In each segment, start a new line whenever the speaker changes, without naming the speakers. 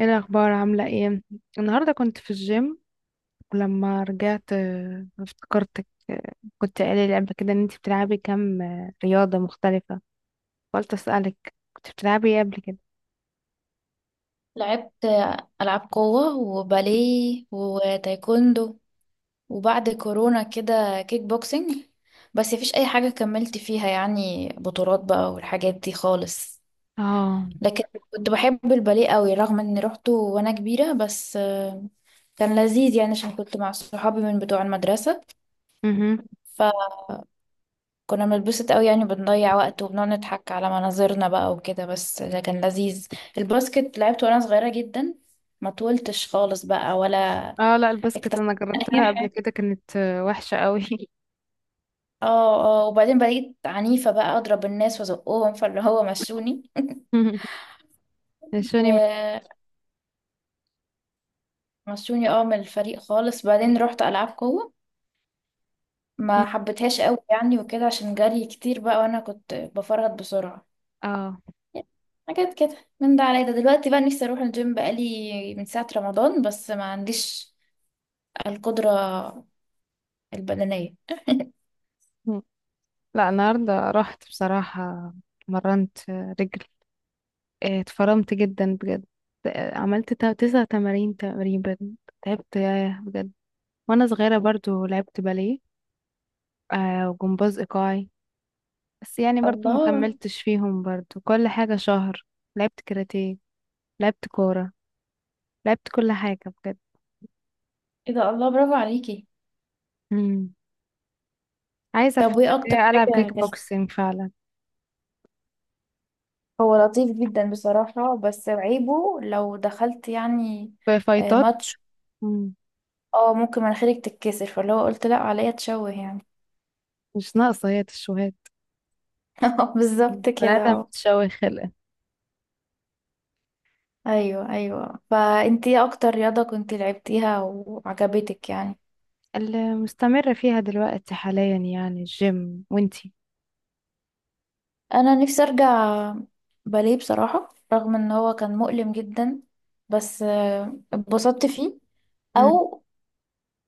ايه الاخبار؟ عامله ايه؟ النهارده كنت في الجيم. ولما رجعت افتكرتك. كنت قايله لي قبل كده ان انت بتلعبي كام رياضه مختلفه. قلت اسالك كنت بتلعبي ايه قبل كده؟
لعبت ألعاب قوة وباليه وتايكوندو، وبعد كورونا كده كيك بوكسينج. بس مفيش أي حاجة كملت فيها يعني بطولات بقى والحاجات دي خالص.
اه.
لكن كنت بحب الباليه قوي رغم إني روحته وأنا كبيرة، بس كان لذيذ يعني عشان كنت مع صحابي من بتوع المدرسة.
امم.
فكنا بنتبسط قوي يعني، بنضيع وقت وبنقعد نضحك على مناظرنا بقى وكده، بس ده كان لذيذ. الباسكت لعبته وأنا صغيرة جدا، ما طولتش خالص بقى ولا.
اه، لا الباسكت
اكتشفت
انا
ان
جربتها
هي
قبل
حاجه.
كده، كانت وحشه قوي.
اه اه. وبعدين بقيت عنيفه بقى، اضرب الناس وازقهم، فاللي هو مشوني.
نشوني.
ومشوني اه، من الفريق خالص. بعدين رحت العاب قوه، ما حبيتهاش قوي يعني وكده عشان جري كتير بقى، وانا كنت بفرهد بسرعه.
اه
حاجات كده من ده على ده. دلوقتي بقى نفسي اروح الجيم بقالي من ساعه رمضان، بس ما عنديش القدره البدنيه.
لا، النهارده رحت بصراحه. مرنت رجل. اتفرمت جدا بجد. عملت تسع تمارين تقريبا. تعبت، ياه بجد. وانا صغيرة برضو لعبت باليه وجمباز ايقاعي. بس يعني برضو ما
الله.
كملتش فيهم، برضو كل حاجة شهر. لعبت كاراتيه، لعبت كورة، لعبت كل حاجة بجد.
ايه ده، الله، برافو عليكي.
مم. عايزة
طب
الفترة
وايه اكتر
الجاية ألعب
حاجه
كيك
كانت؟
بوكسينج فعلا.
هو لطيف جدا بصراحة، بس عيبه لو دخلت يعني
في فايتات.
ماتش،
مم.
اه، ممكن مناخيرك تتكسر، فاللي هو قلت لا عليا تشوه يعني.
مش ناقصة هي تشوهات. مم.
بالظبط كده،
بنادم
اه.
بتشوه خلقة.
ايوه ايوه، فانتي ايه اكتر رياضة كنتي لعبتيها وعجبتك يعني؟
اللي مستمرة فيها دلوقتي حاليا يعني الجيم. وانتي؟
انا نفسي ارجع باليه بصراحة، رغم ان هو كان مؤلم جدا، بس اتبسطت فيه.
مم.
او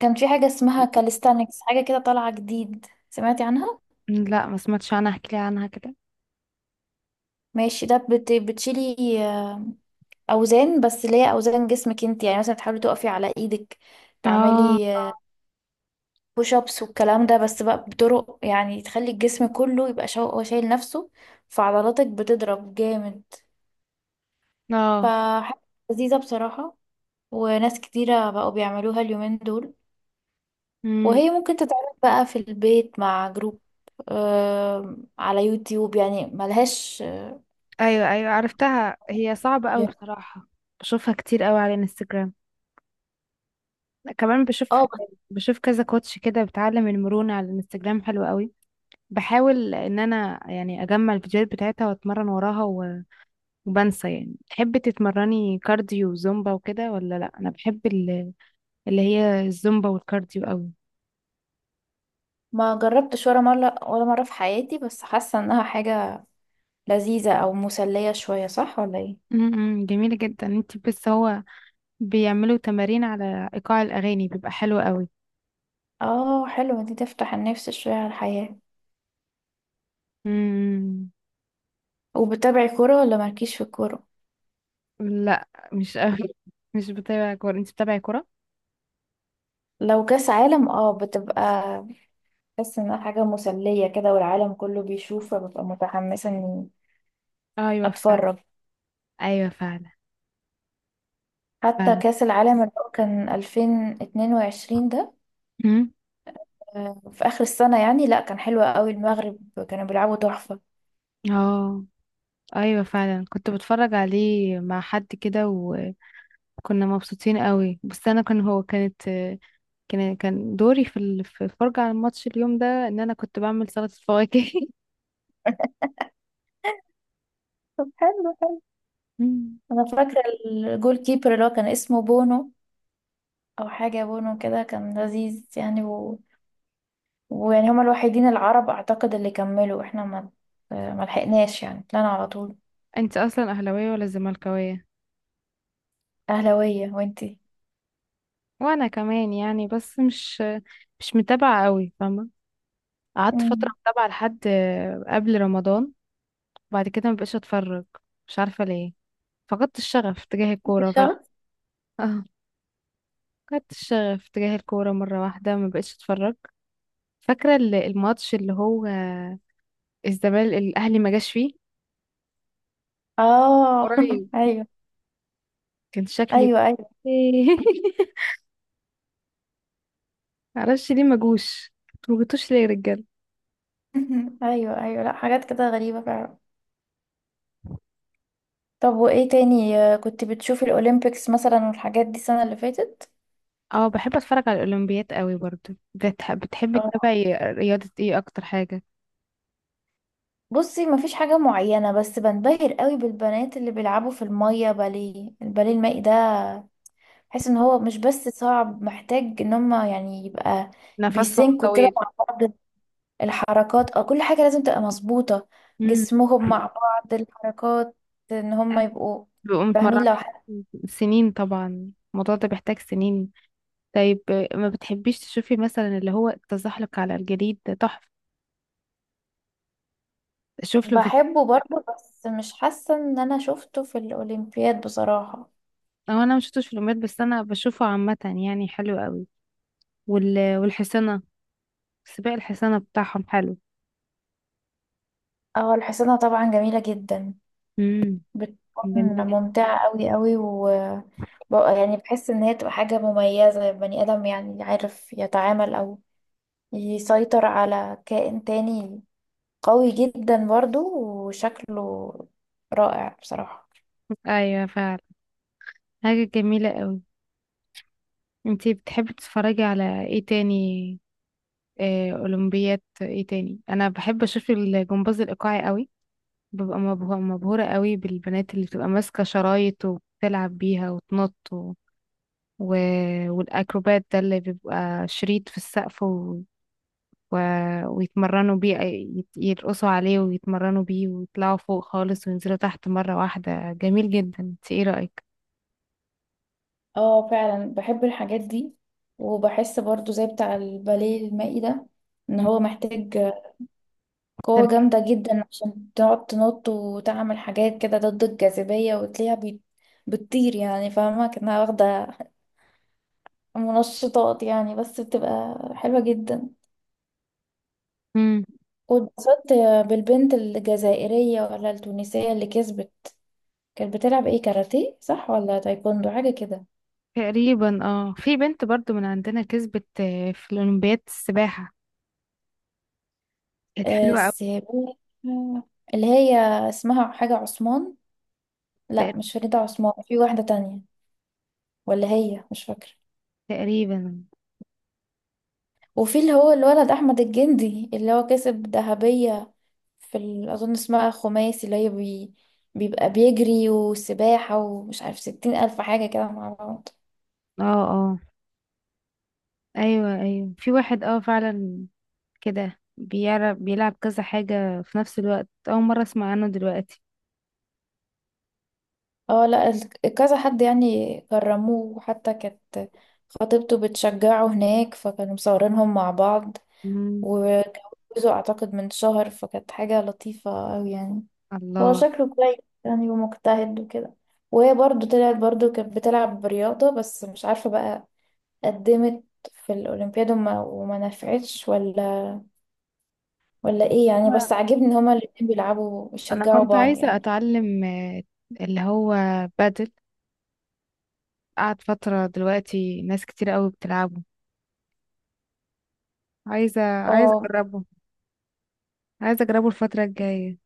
كان في حاجة اسمها كاليستانكس، حاجة كده طالعة جديد، سمعتي عنها؟
لا، ما سمعتش عنها، احكي لي عنها كده.
ماشي، ده بتشيلي آه، اوزان، بس اللي هي اوزان جسمك انت يعني، مثلا تحاولي تقفي على ايدك،
اه،
تعملي بوش ابس والكلام ده. بس بقى بطرق يعني، تخلي الجسم كله يبقى هو شايل نفسه، فعضلاتك بتضرب جامد.
اه.
فحاجة لذيذة بصراحة، وناس كتيرة بقوا بيعملوها اليومين دول.
مم.
وهي ممكن تتعمل بقى في البيت مع جروب، على يوتيوب يعني، ملهاش
ايوه ايوه، عرفتها، هي صعبة قوي
جيم.
بصراحة. بشوفها كتير قوي على الانستجرام. كمان بشوف.
اه بس
بشوف كذا كوتش كده بتعلم المرونة على الانستجرام، حلو قوي. بحاول ان انا يعني اجمع الفيديوهات بتاعتها واتمرن وراها وبنسى يعني. تحبي تتمرني كارديو وزومبا وكده ولا لا؟ انا بحب اللي هي الزومبا والكارديو قوي.
ما جربتش ولا مرة ولا مرة في حياتي، بس حاسة انها حاجة لذيذة أو مسلية شوية، صح ولا ايه؟
جميلة جدا انت، بس هو بيعملوا تمارين على ايقاع الاغاني بيبقى حلو
اه حلوة دي، تفتح النفس شوية على الحياة.
قوي.
وبتابعي كورة ولا مالكيش في الكورة؟
لا، مش قوي. مش بتابع كورة. انت بتابعي كورة؟
لو كأس عالم اه بتبقى، بحس انها حاجة مسلية كده والعالم كله بيشوف، فببقى متحمسة اني
ايوه فعلا.
اتفرج.
ايوه فعلا.
حتى
فعلا.
كأس العالم اللي هو كان 2022 ده
امم.
في آخر السنة يعني، لا كان حلو قوي. المغرب كانوا بيلعبوا تحفة.
اه، ايوه فعلا، كنت بتفرج عليه مع حد كده وكنا مبسوطين قوي. بس انا كان هو كانت كان دوري في في الفرجة على الماتش اليوم ده ان انا كنت بعمل سلطة فواكه.
طب حلو حلو.
مم.
انا فاكره الجول كيبر اللي هو كان اسمه بونو، او حاجه بونو كده، كان لذيذ يعني. و... ويعني هما الوحيدين العرب اعتقد اللي كملوا، احنا ما لحقناش يعني، طلعنا على طول.
انت اصلا اهلاوية ولا زملكاوية؟
اهلاويه وانتي؟
وانا كمان يعني، بس مش، مش متابعة قوي فاهمة. قعدت فترة
مم.
متابعة لحد قبل رمضان. بعد كده مبقاش اتفرج، مش عارفة ليه. فقدت الشغف تجاه الكورة فجأة.
الشغف،
اه. فقدت الشغف تجاه الكورة مرة واحدة، مبقاش اتفرج. فاكرة الماتش اللي هو الزمالك الأهلي ما جاش فيه
اه.
قريب.
ايوه
كان شكلي.
ايوه ايوه.
معرفش ليه ما جوش. انتوا ما جيتوش ليه يا رجالة؟
ايوه ايوه، لا حاجات كده غريبه فعلا. طب وايه تاني؟ كنت بتشوفي الاولمبيكس مثلا والحاجات دي السنه اللي فاتت؟
اه، بحب اتفرج على الأولمبيات قوي برضو. بتحبي
آه.
تتابعي رياضة ايه اكتر حاجة؟
بصي مفيش حاجه معينه، بس بنبهر قوي بالبنات اللي بيلعبوا في الميه باليه، الباليه المائي ده. بحس ان هو مش بس صعب، محتاج ان هم يعني يبقى
نفسهم
بيسنكوا كده
طويل.
مع بعض الحركات، اه، كل حاجة لازم تبقى مظبوطة،
امم.
جسمهم مع بعض الحركات، ان هم يبقوا
بيبقوا
فاهمين
متمرنين
لو حد.
سنين طبعا، الموضوع ده بيحتاج سنين. طيب، ما بتحبيش تشوفي مثلا اللي هو التزحلق على الجليد ده؟ تحفة، اشوف له فيديو.
بحبه برضه، بس مش حاسة ان انا شفته في الاولمبياد بصراحة.
هو انا ما شفتوش في الاولمبياد، بس انا بشوفه عامة يعني، حلو قوي. والحصانة، سباق الحصانة بتاعهم حلو.
اه الحصانة طبعا جميلة جدا،
امم.
بتكون
جميلة جدا.
ممتعة قوي قوي. و ببقى يعني بحس ان هي تبقى حاجة مميزة، بني ادم يعني عارف يتعامل او يسيطر على كائن تاني قوي جدا برضه، وشكله رائع بصراحة.
ايوه فعلا. حاجة جميلة قوي. انتي بتحبي تتفرجي على ايه تاني؟ اولمبياد ايه تاني، انا بحب اشوف الجمباز الايقاعي قوي. ببقى مبهورة قوي بالبنات اللي بتبقى ماسكة شرايط وبتلعب بيها وتنط، و... والأكروبات ده اللي بيبقى شريط في السقف و... ويتمرنوا بيه يرقصوا عليه ويتمرنوا بيه ويطلعوا فوق خالص وينزلوا تحت مرة واحدة. جميل جدا. انت ايه رأيك؟
اه فعلا بحب الحاجات دي. وبحس برضو زي بتاع الباليه المائي ده، ان
مم.
هو محتاج قوة
تركي.
جامدة جدا عشان تقعد تنط وتعمل حاجات كده ضد الجاذبية، وتلاقيها بتطير يعني، فاهمة؟ كأنها واخدة منشطات يعني، بس بتبقى حلوة جدا.
مم.
واتبسطت بالبنت الجزائرية ولا التونسية اللي كسبت، كانت بتلعب ايه، كاراتيه صح ولا تايكوندو حاجة كده؟
تقريبا. اه، في بنت برضو من عندنا كسبت في الأولمبياد السباحة، كانت حلوة أوي.
السيباحة اللي هي اسمها حاجة عثمان، لا
تقريبا.
مش فريدة عثمان، في واحدة تانية ولا هي، مش فاكرة.
تقريبا.
وفي اللي هو الولد أحمد الجندي اللي هو كسب ذهبية في أظن اسمها خماسي، اللي هي بيبقى بيجري وسباحة ومش عارف ستين ألف حاجة كده مع بعض.
اه، اه، ايوه ايوه، في واحد، اه فعلا كده بيعرف بيلعب كذا حاجة في نفس الوقت، أول مرة أسمع عنه دلوقتي.
اه لا كذا حد يعني كرموه، وحتى كانت خطيبته بتشجعه هناك، فكانوا مصورينهم مع بعض، وجوزوا أعتقد من شهر، فكانت حاجة لطيفة أوي يعني. هو
الله.
شكله كويس يعني ومجتهد وكده. وهي برضو طلعت برضو كانت بتلعب رياضة، بس مش عارفة بقى، قدمت في الأولمبياد وما نفعتش ولا ولا ايه يعني، بس عاجبني ان هما الاتنين بيلعبوا
انا
بيشجعوا
كنت
بعض
عايزة
يعني.
اتعلم اللي هو بادل. قعد فترة دلوقتي ناس كتير قوي بتلعبه. عايزة، عايزة
اه
اجربه. عايزة اجربه الفترة الجاية.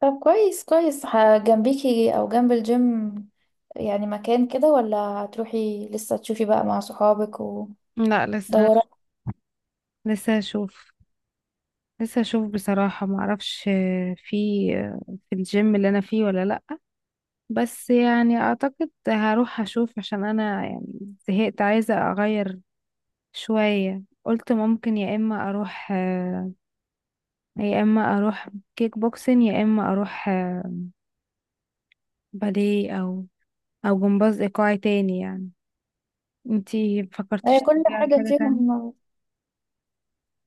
طب كويس كويس، جنبيكي او جنب الجيم يعني، مكان كده؟ ولا هتروحي لسه تشوفي بقى مع صحابك
لا،
ودورات؟
لسه هشوف. لسه هشوف بصراحة، ما اعرفش في الجيم اللي انا فيه ولا لا. بس يعني اعتقد هروح اشوف، عشان انا يعني زهقت، عايزة اغير شوية. قلت ممكن يا اما اروح يا اما اروح كيك بوكسين، يا اما اروح باليه، او جمباز ايقاعي تاني يعني. انتي
هي
فكرتيش
كل
ترجعي
حاجة
لحاجه تانية؟
فيهم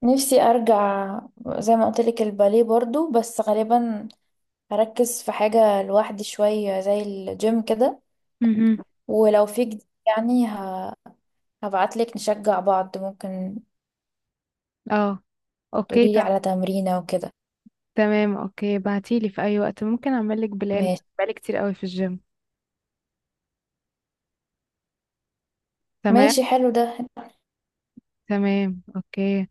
نفسي ارجع، زي ما قلت لك الباليه برضو، بس غالبا هركز في حاجة لوحدي شوية زي الجيم كده.
مهم.
ولو في جديد يعني هبعتلك، نشجع بعض ممكن،
اه، اوكي
تقوليلي على تمرينة وكده.
تمام، اوكي. بعتيلي في اي وقت ممكن اعملك بلان.
ماشي
بقالي كتير قوي في الجيم. تمام.
ماشي، حلو ده.
تمام، اوكي.